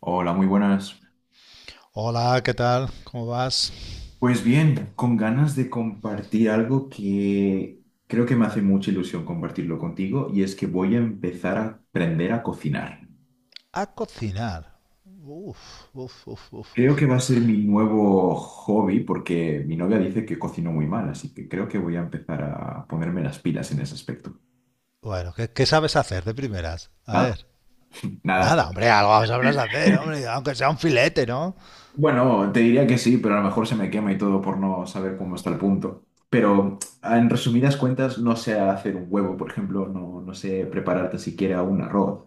Hola, muy buenas. Hola, ¿qué tal? ¿Cómo vas? Pues bien, con ganas de compartir algo que creo que me hace mucha ilusión compartirlo contigo y es que voy a empezar a aprender a cocinar. A cocinar. Uf, uf, uf, uf, Creo que uf. va a ser mi nuevo hobby porque mi novia dice que cocino muy mal, así que creo que voy a empezar a ponerme las pilas en ese aspecto. Bueno, ¿qué sabes hacer de primeras? A Nada, ver. nada. Nada, hombre, algo sabrás hacer, hombre, aunque sea un filete, ¿no? Bueno, te diría que sí, pero a lo mejor se me quema y todo por no saber cómo está el punto. Pero en resumidas cuentas, no sé hacer un huevo, por ejemplo, no, no sé prepararte siquiera un arroz.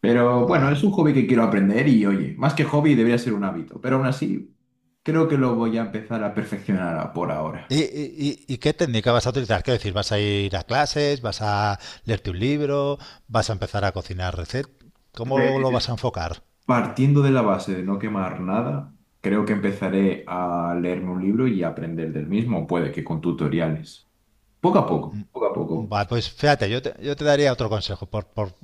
Pero bueno, es un hobby que quiero aprender y oye, más que hobby debería ser un hábito, pero aún así creo que lo voy a empezar a perfeccionar por ¿Y, ahora. y, y- y qué técnica vas a utilizar? Quiero decir, ¿vas a ir a clases? ¿Vas a leerte un libro? ¿Vas a empezar a cocinar recetas? ¿Cómo lo Pues vas a enfocar? partiendo de la base de no quemar nada, creo que empezaré a leerme un libro y a aprender del mismo, puede que con tutoriales. Poco a poco, poco a poco. Vale, pues fíjate, yo te daría otro consejo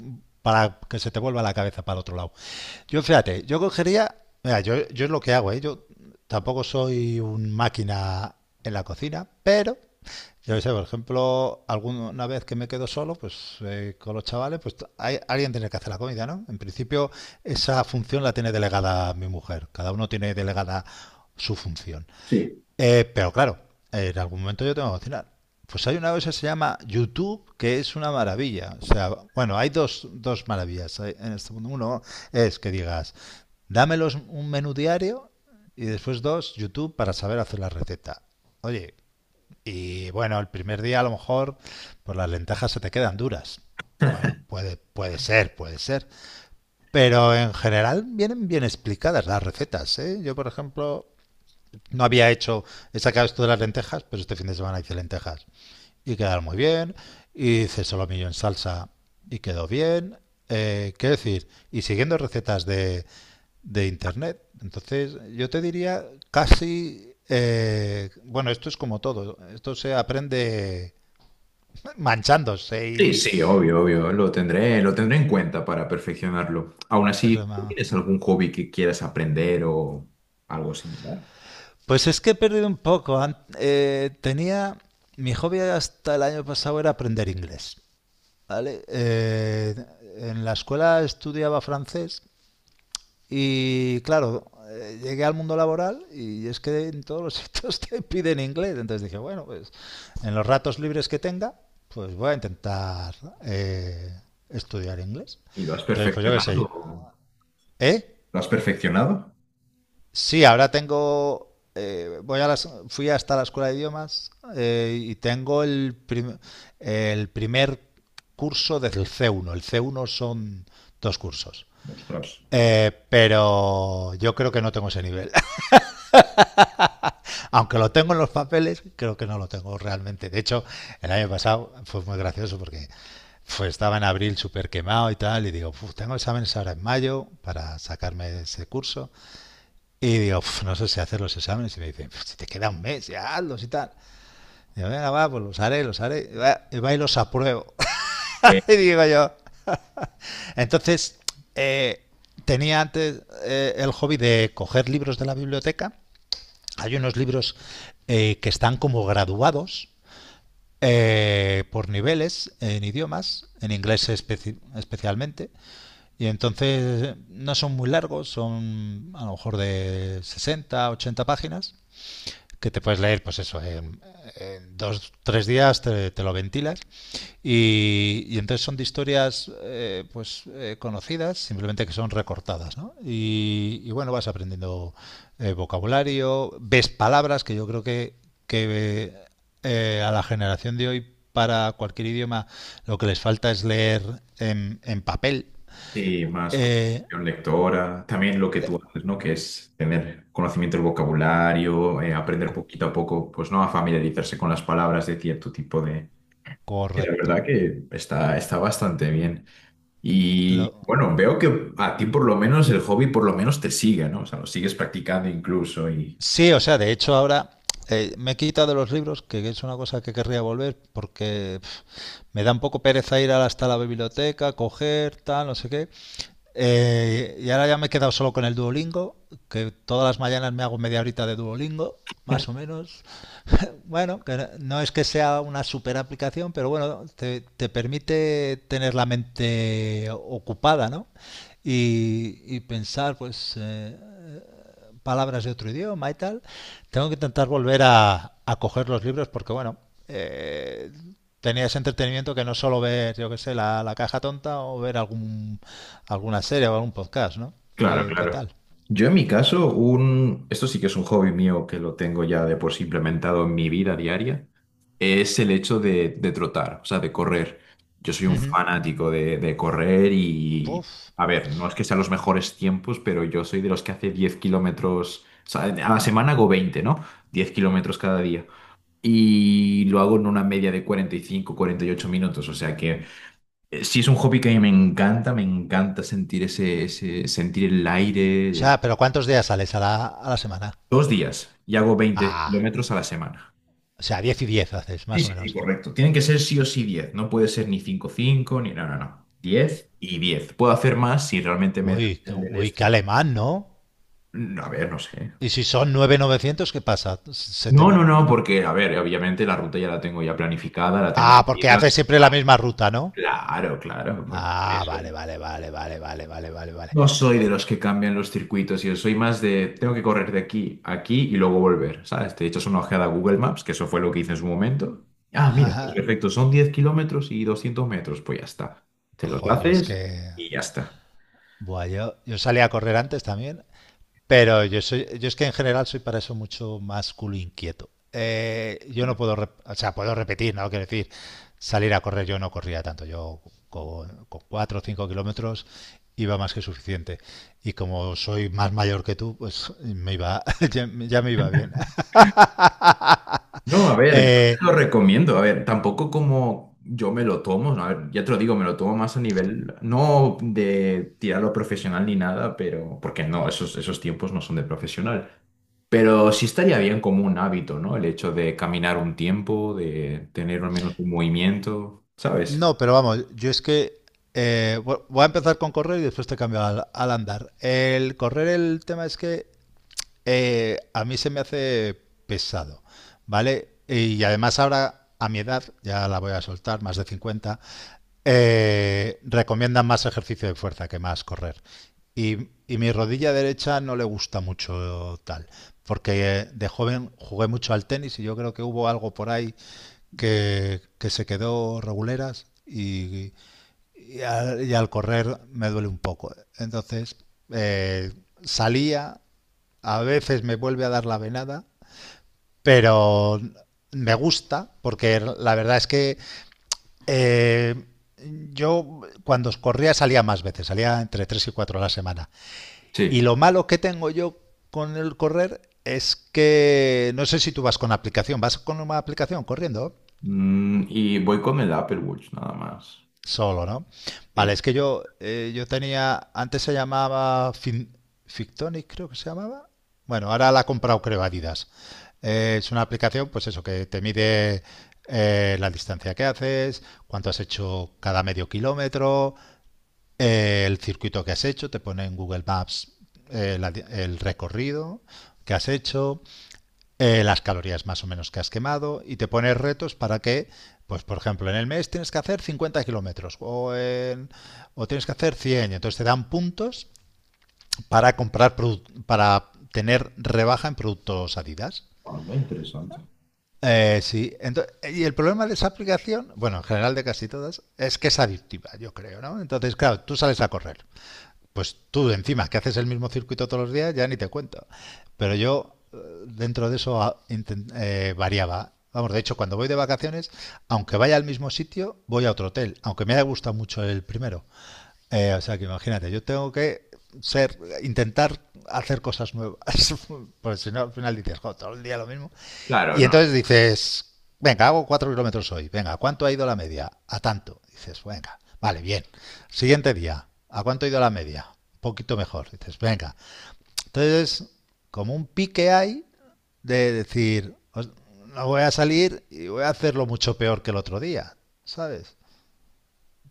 para que se te vuelva la cabeza para el otro lado. Yo fíjate, yo cogería, mira, yo es lo que hago, ¿eh? Yo tampoco soy un máquina en la cocina, pero yo qué sé. Por ejemplo, alguna vez que me quedo solo, pues con los chavales, pues hay, alguien tiene que hacer la comida, ¿no? En principio, esa función la tiene delegada mi mujer. Cada uno tiene delegada su función. Sí. Pero claro, en algún momento yo tengo que cocinar. Pues hay una cosa que se llama YouTube, que es una maravilla. O sea, bueno, hay dos maravillas en este mundo. Uno es que digas, dámelos un menú diario, y después dos, YouTube para saber hacer la receta. Oye, y bueno, el primer día a lo mejor pues las lentejas se te quedan duras. Bueno, puede ser, puede ser. Pero en general vienen bien explicadas las recetas, ¿eh? Yo, por ejemplo, no había hecho, he sacado esto de las lentejas, pero este fin de semana hice lentejas. Y quedaron muy bien. Y hice solomillo en salsa y quedó bien. ¿Qué decir? Y siguiendo recetas de internet. Entonces, yo te diría casi, bueno, esto es como todo. Esto se aprende manchándose Sí, y... sí, obvio, obvio, lo tendré en cuenta para perfeccionarlo. Aún así, ¿tú tienes algún hobby que quieras aprender o algo similar? Pues es que he perdido un poco. Tenía... Mi hobby hasta el año pasado era aprender inglés. ¿Vale? En la escuela estudiaba francés y, claro, llegué al mundo laboral y es que en todos los sitios te piden inglés. Entonces dije, bueno, pues en los ratos libres que tenga, pues voy a intentar, eh, estudiar inglés. ¿Y lo has Entonces, pues yo qué sé, perfeccionado? ¿eh? ¿Lo has perfeccionado? Sí, ahora tengo. Voy a fui hasta la escuela de idiomas, y tengo el primer curso desde el C1. El C1 son dos cursos. Ostras. Pero yo creo que no tengo ese nivel. Aunque lo tengo en los papeles, creo que no lo tengo realmente. De hecho, el año pasado fue muy gracioso porque estaba en abril súper quemado y tal, y digo, "Uf, tengo exámenes ahora en mayo para sacarme ese curso." Y digo, "Uf, no sé si hacer los exámenes." Y me dicen, si te queda un mes, ya hazlos y tal. Digo, venga, va, pues los haré, los haré. Y va y los apruebo. Eh, Y digo yo. Entonces, eh, tenía antes, el hobby de coger libros de la biblioteca. Hay unos libros, que están como graduados, por niveles en idiomas, en inglés especialmente. Y entonces, no son muy largos, son a lo mejor de 60 80 páginas, que te puedes leer, pues eso, en dos, tres días te, te lo ventilas. Entonces son de historias, pues conocidas, simplemente que son recortadas, ¿no? Y, y, bueno, vas aprendiendo, vocabulario, ves palabras que yo creo que a la generación de hoy para cualquier idioma lo que les falta es leer en papel. sí, más Eh, comprensión lectora, también lo que tú haces, ¿no? Que es tener conocimiento del vocabulario, aprender co- poquito a poco, pues no, a familiarizarse con las palabras de cierto tipo de... Y la Correcto. verdad que está bastante bien. Y Lo, bueno, veo que a ti por lo menos el hobby por lo menos te sigue, ¿no? O sea, lo sigues practicando incluso y... Sí, o sea, de hecho ahora, me he quitado los libros, que es una cosa que querría volver, porque pf, me da un poco pereza ir hasta la biblioteca, coger, tal, no sé qué. Y ahora ya me he quedado solo con el Duolingo, que todas las mañanas me hago media horita de Duolingo, más o menos. Bueno, que no es que sea una super aplicación, pero bueno, te permite tener la mente ocupada, ¿no? Y pensar, pues, palabras de otro idioma y tal. Tengo que intentar volver a coger los libros porque, bueno, eh, tenía ese entretenimiento que no es solo ver, yo qué sé, la caja tonta o ver algún, alguna serie o algún podcast, ¿no? Claro, ¿Qué claro. tal? Yo en mi caso, un... esto sí que es un hobby mío que lo tengo ya de por sí implementado en mi vida diaria, es el hecho de trotar, o sea, de correr. Yo soy un fanático de correr y... Puf. A ver, no es que sean los mejores tiempos, pero yo soy de los que hace 10 kilómetros, o sea, a la semana hago 20, ¿no? 10 kilómetros cada día. Y lo hago en una media de 40, 45, 48 minutos. O sea que sí es un hobby que a mí me encanta sentir sentir el O aire. sea, pero ¿cuántos días sales a la semana? Dos días y hago veinte Ah, kilómetros a la semana. o sea, 10 y 10 haces, Sí, más o sí, sí, menos. correcto. Tienen que ser sí o sí 10. No puede ser ni 5 5 ni... No, no, no. 10 y 10. Puedo hacer más si realmente me da Uy, el del uy, qué este. alemán, ¿no? Mm, a ver, no sé. Y si son nueve novecientos, ¿qué pasa? Se te... No, no, no, porque, a ver, obviamente la ruta ya la tengo ya planificada, la tengo Ah, porque medida. haces siempre la misma ruta, ¿no? Claro, claro, por Ah, eso. vale, vale, vale, vale, vale, vale, vale, vale. No soy de los que cambian los circuitos, yo soy más de tengo que correr de aquí a aquí y luego volver, ¿sabes? Te echas una ojeada a Google Maps, que eso fue lo que hice en su momento. Ah, mira, pues perfecto, son 10 kilómetros y 200 metros, pues ya está. Te los, Joder, claro, yo es haces que. y ya está. Buah, yo salí a correr antes también, pero yo es que en general soy para eso mucho más culo inquieto. Yo no puedo, o sea, puedo repetir, ¿no? Quiero decir, salir a correr yo no corría tanto, yo con 4 o 5 kilómetros iba más que suficiente. Y como soy más mayor que tú, pues me iba, ya me iba bien. No, a ver, yo te lo Eh, recomiendo. A ver, tampoco como yo me lo tomo, ¿no? A ver, ya te lo digo, me lo tomo más a nivel, no de tirarlo profesional ni nada, pero porque no, esos tiempos no son de profesional. Pero sí estaría bien como un hábito, ¿no? El hecho de caminar un tiempo, de tener al menos un movimiento, ¿sabes? No, pero vamos, yo es que voy a empezar con correr y después te cambio al andar. El correr, el tema es que, a mí se me hace pesado, ¿vale? Y además ahora, a mi edad, ya la voy a soltar, más de 50. Recomiendan más ejercicio de fuerza que más correr. Y mi rodilla derecha no le gusta mucho tal, porque, de joven jugué mucho al tenis y yo creo que hubo algo por ahí que se quedó reguleras y al correr me duele un poco. Entonces, eh, salía, a veces me vuelve a dar la venada, pero me gusta porque la verdad es que, eh, yo cuando corría salía más veces, salía entre 3 y 4 a la semana. Y Sí. lo malo que tengo yo con el correr es que no sé si tú vas con aplicación, ¿vas con una aplicación corriendo? Mm, y voy con el Apple Watch, nada más. Solo, ¿no? Vale, Sí. es que yo, yo tenía, antes se llamaba Fictonic, creo que se llamaba. Bueno, ahora la ha comprado, creo, Adidas. Es una aplicación, pues eso, que te mide, la distancia que haces, cuánto has hecho cada medio kilómetro, el circuito que has hecho, te pone en Google Maps, el recorrido que has hecho, las calorías más o menos que has quemado y te pones retos para que, pues por ejemplo, en el mes tienes que hacer 50 kilómetros o tienes que hacer 100, entonces te dan puntos para comprar, para tener rebaja en productos Adidas. Ah, muy interesante. Sí, entonces y el problema de esa aplicación, bueno, en general de casi todas, es que es adictiva, yo creo, ¿no? Entonces, claro, tú sales a correr pues tú encima, que haces el mismo circuito todos los días, ya ni te cuento. Pero yo, dentro de eso variaba. Vamos, de hecho, cuando voy de vacaciones, aunque vaya al mismo sitio, voy a otro hotel, aunque me haya gustado mucho el primero. O sea que imagínate, yo tengo que ser, intentar hacer cosas nuevas. Porque si no, al final dices, "Jo, todo el día lo mismo." Claro, Y no. entonces dices, venga, hago 4 kilómetros hoy, venga, ¿cuánto ha ido la media? A tanto. Dices, venga, vale, bien. Siguiente día, ¿a cuánto ha ido la media? Un poquito mejor. Dices, venga. Entonces, como un pique hay de decir, no voy a salir y voy a hacerlo mucho peor que el otro día, ¿sabes?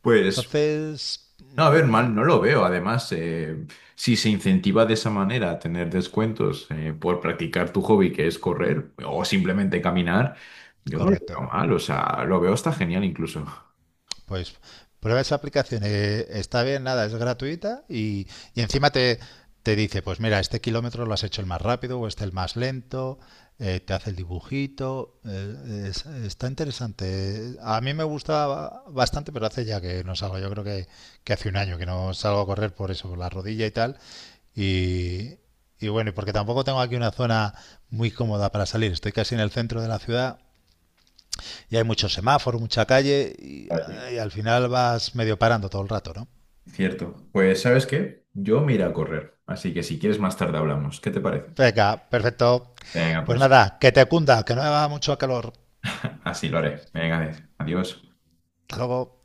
Pues, Entonces, no, a ver, mm, mal mm, no lo veo. Además, si se incentiva de esa manera a tener descuentos por practicar tu hobby, que es correr o simplemente caminar, yo no lo correcto. veo mal. O sea, lo veo hasta genial incluso. Pues prueba esa aplicación, está bien, nada, es gratuita y encima te dice, pues mira, este kilómetro lo has hecho el más rápido o este el más lento, te hace el dibujito, está interesante. A mí me gusta bastante, pero hace ya que no salgo, yo creo que hace un año que no salgo a correr por eso, por la rodilla y tal. Y, y bueno, y porque tampoco tengo aquí una zona muy cómoda para salir, estoy casi en el centro de la ciudad y hay muchos semáforos, mucha calle y, Vale. y al final vas medio parando todo el rato, ¿no? Cierto. Pues, ¿sabes qué? Yo me iré a correr. Así que si quieres más tarde hablamos. ¿Qué te parece? Venga, perfecto. Venga, Pues pues nada, que te cunda, que no haga mucho calor. así lo haré. Venga, adiós. Hasta luego.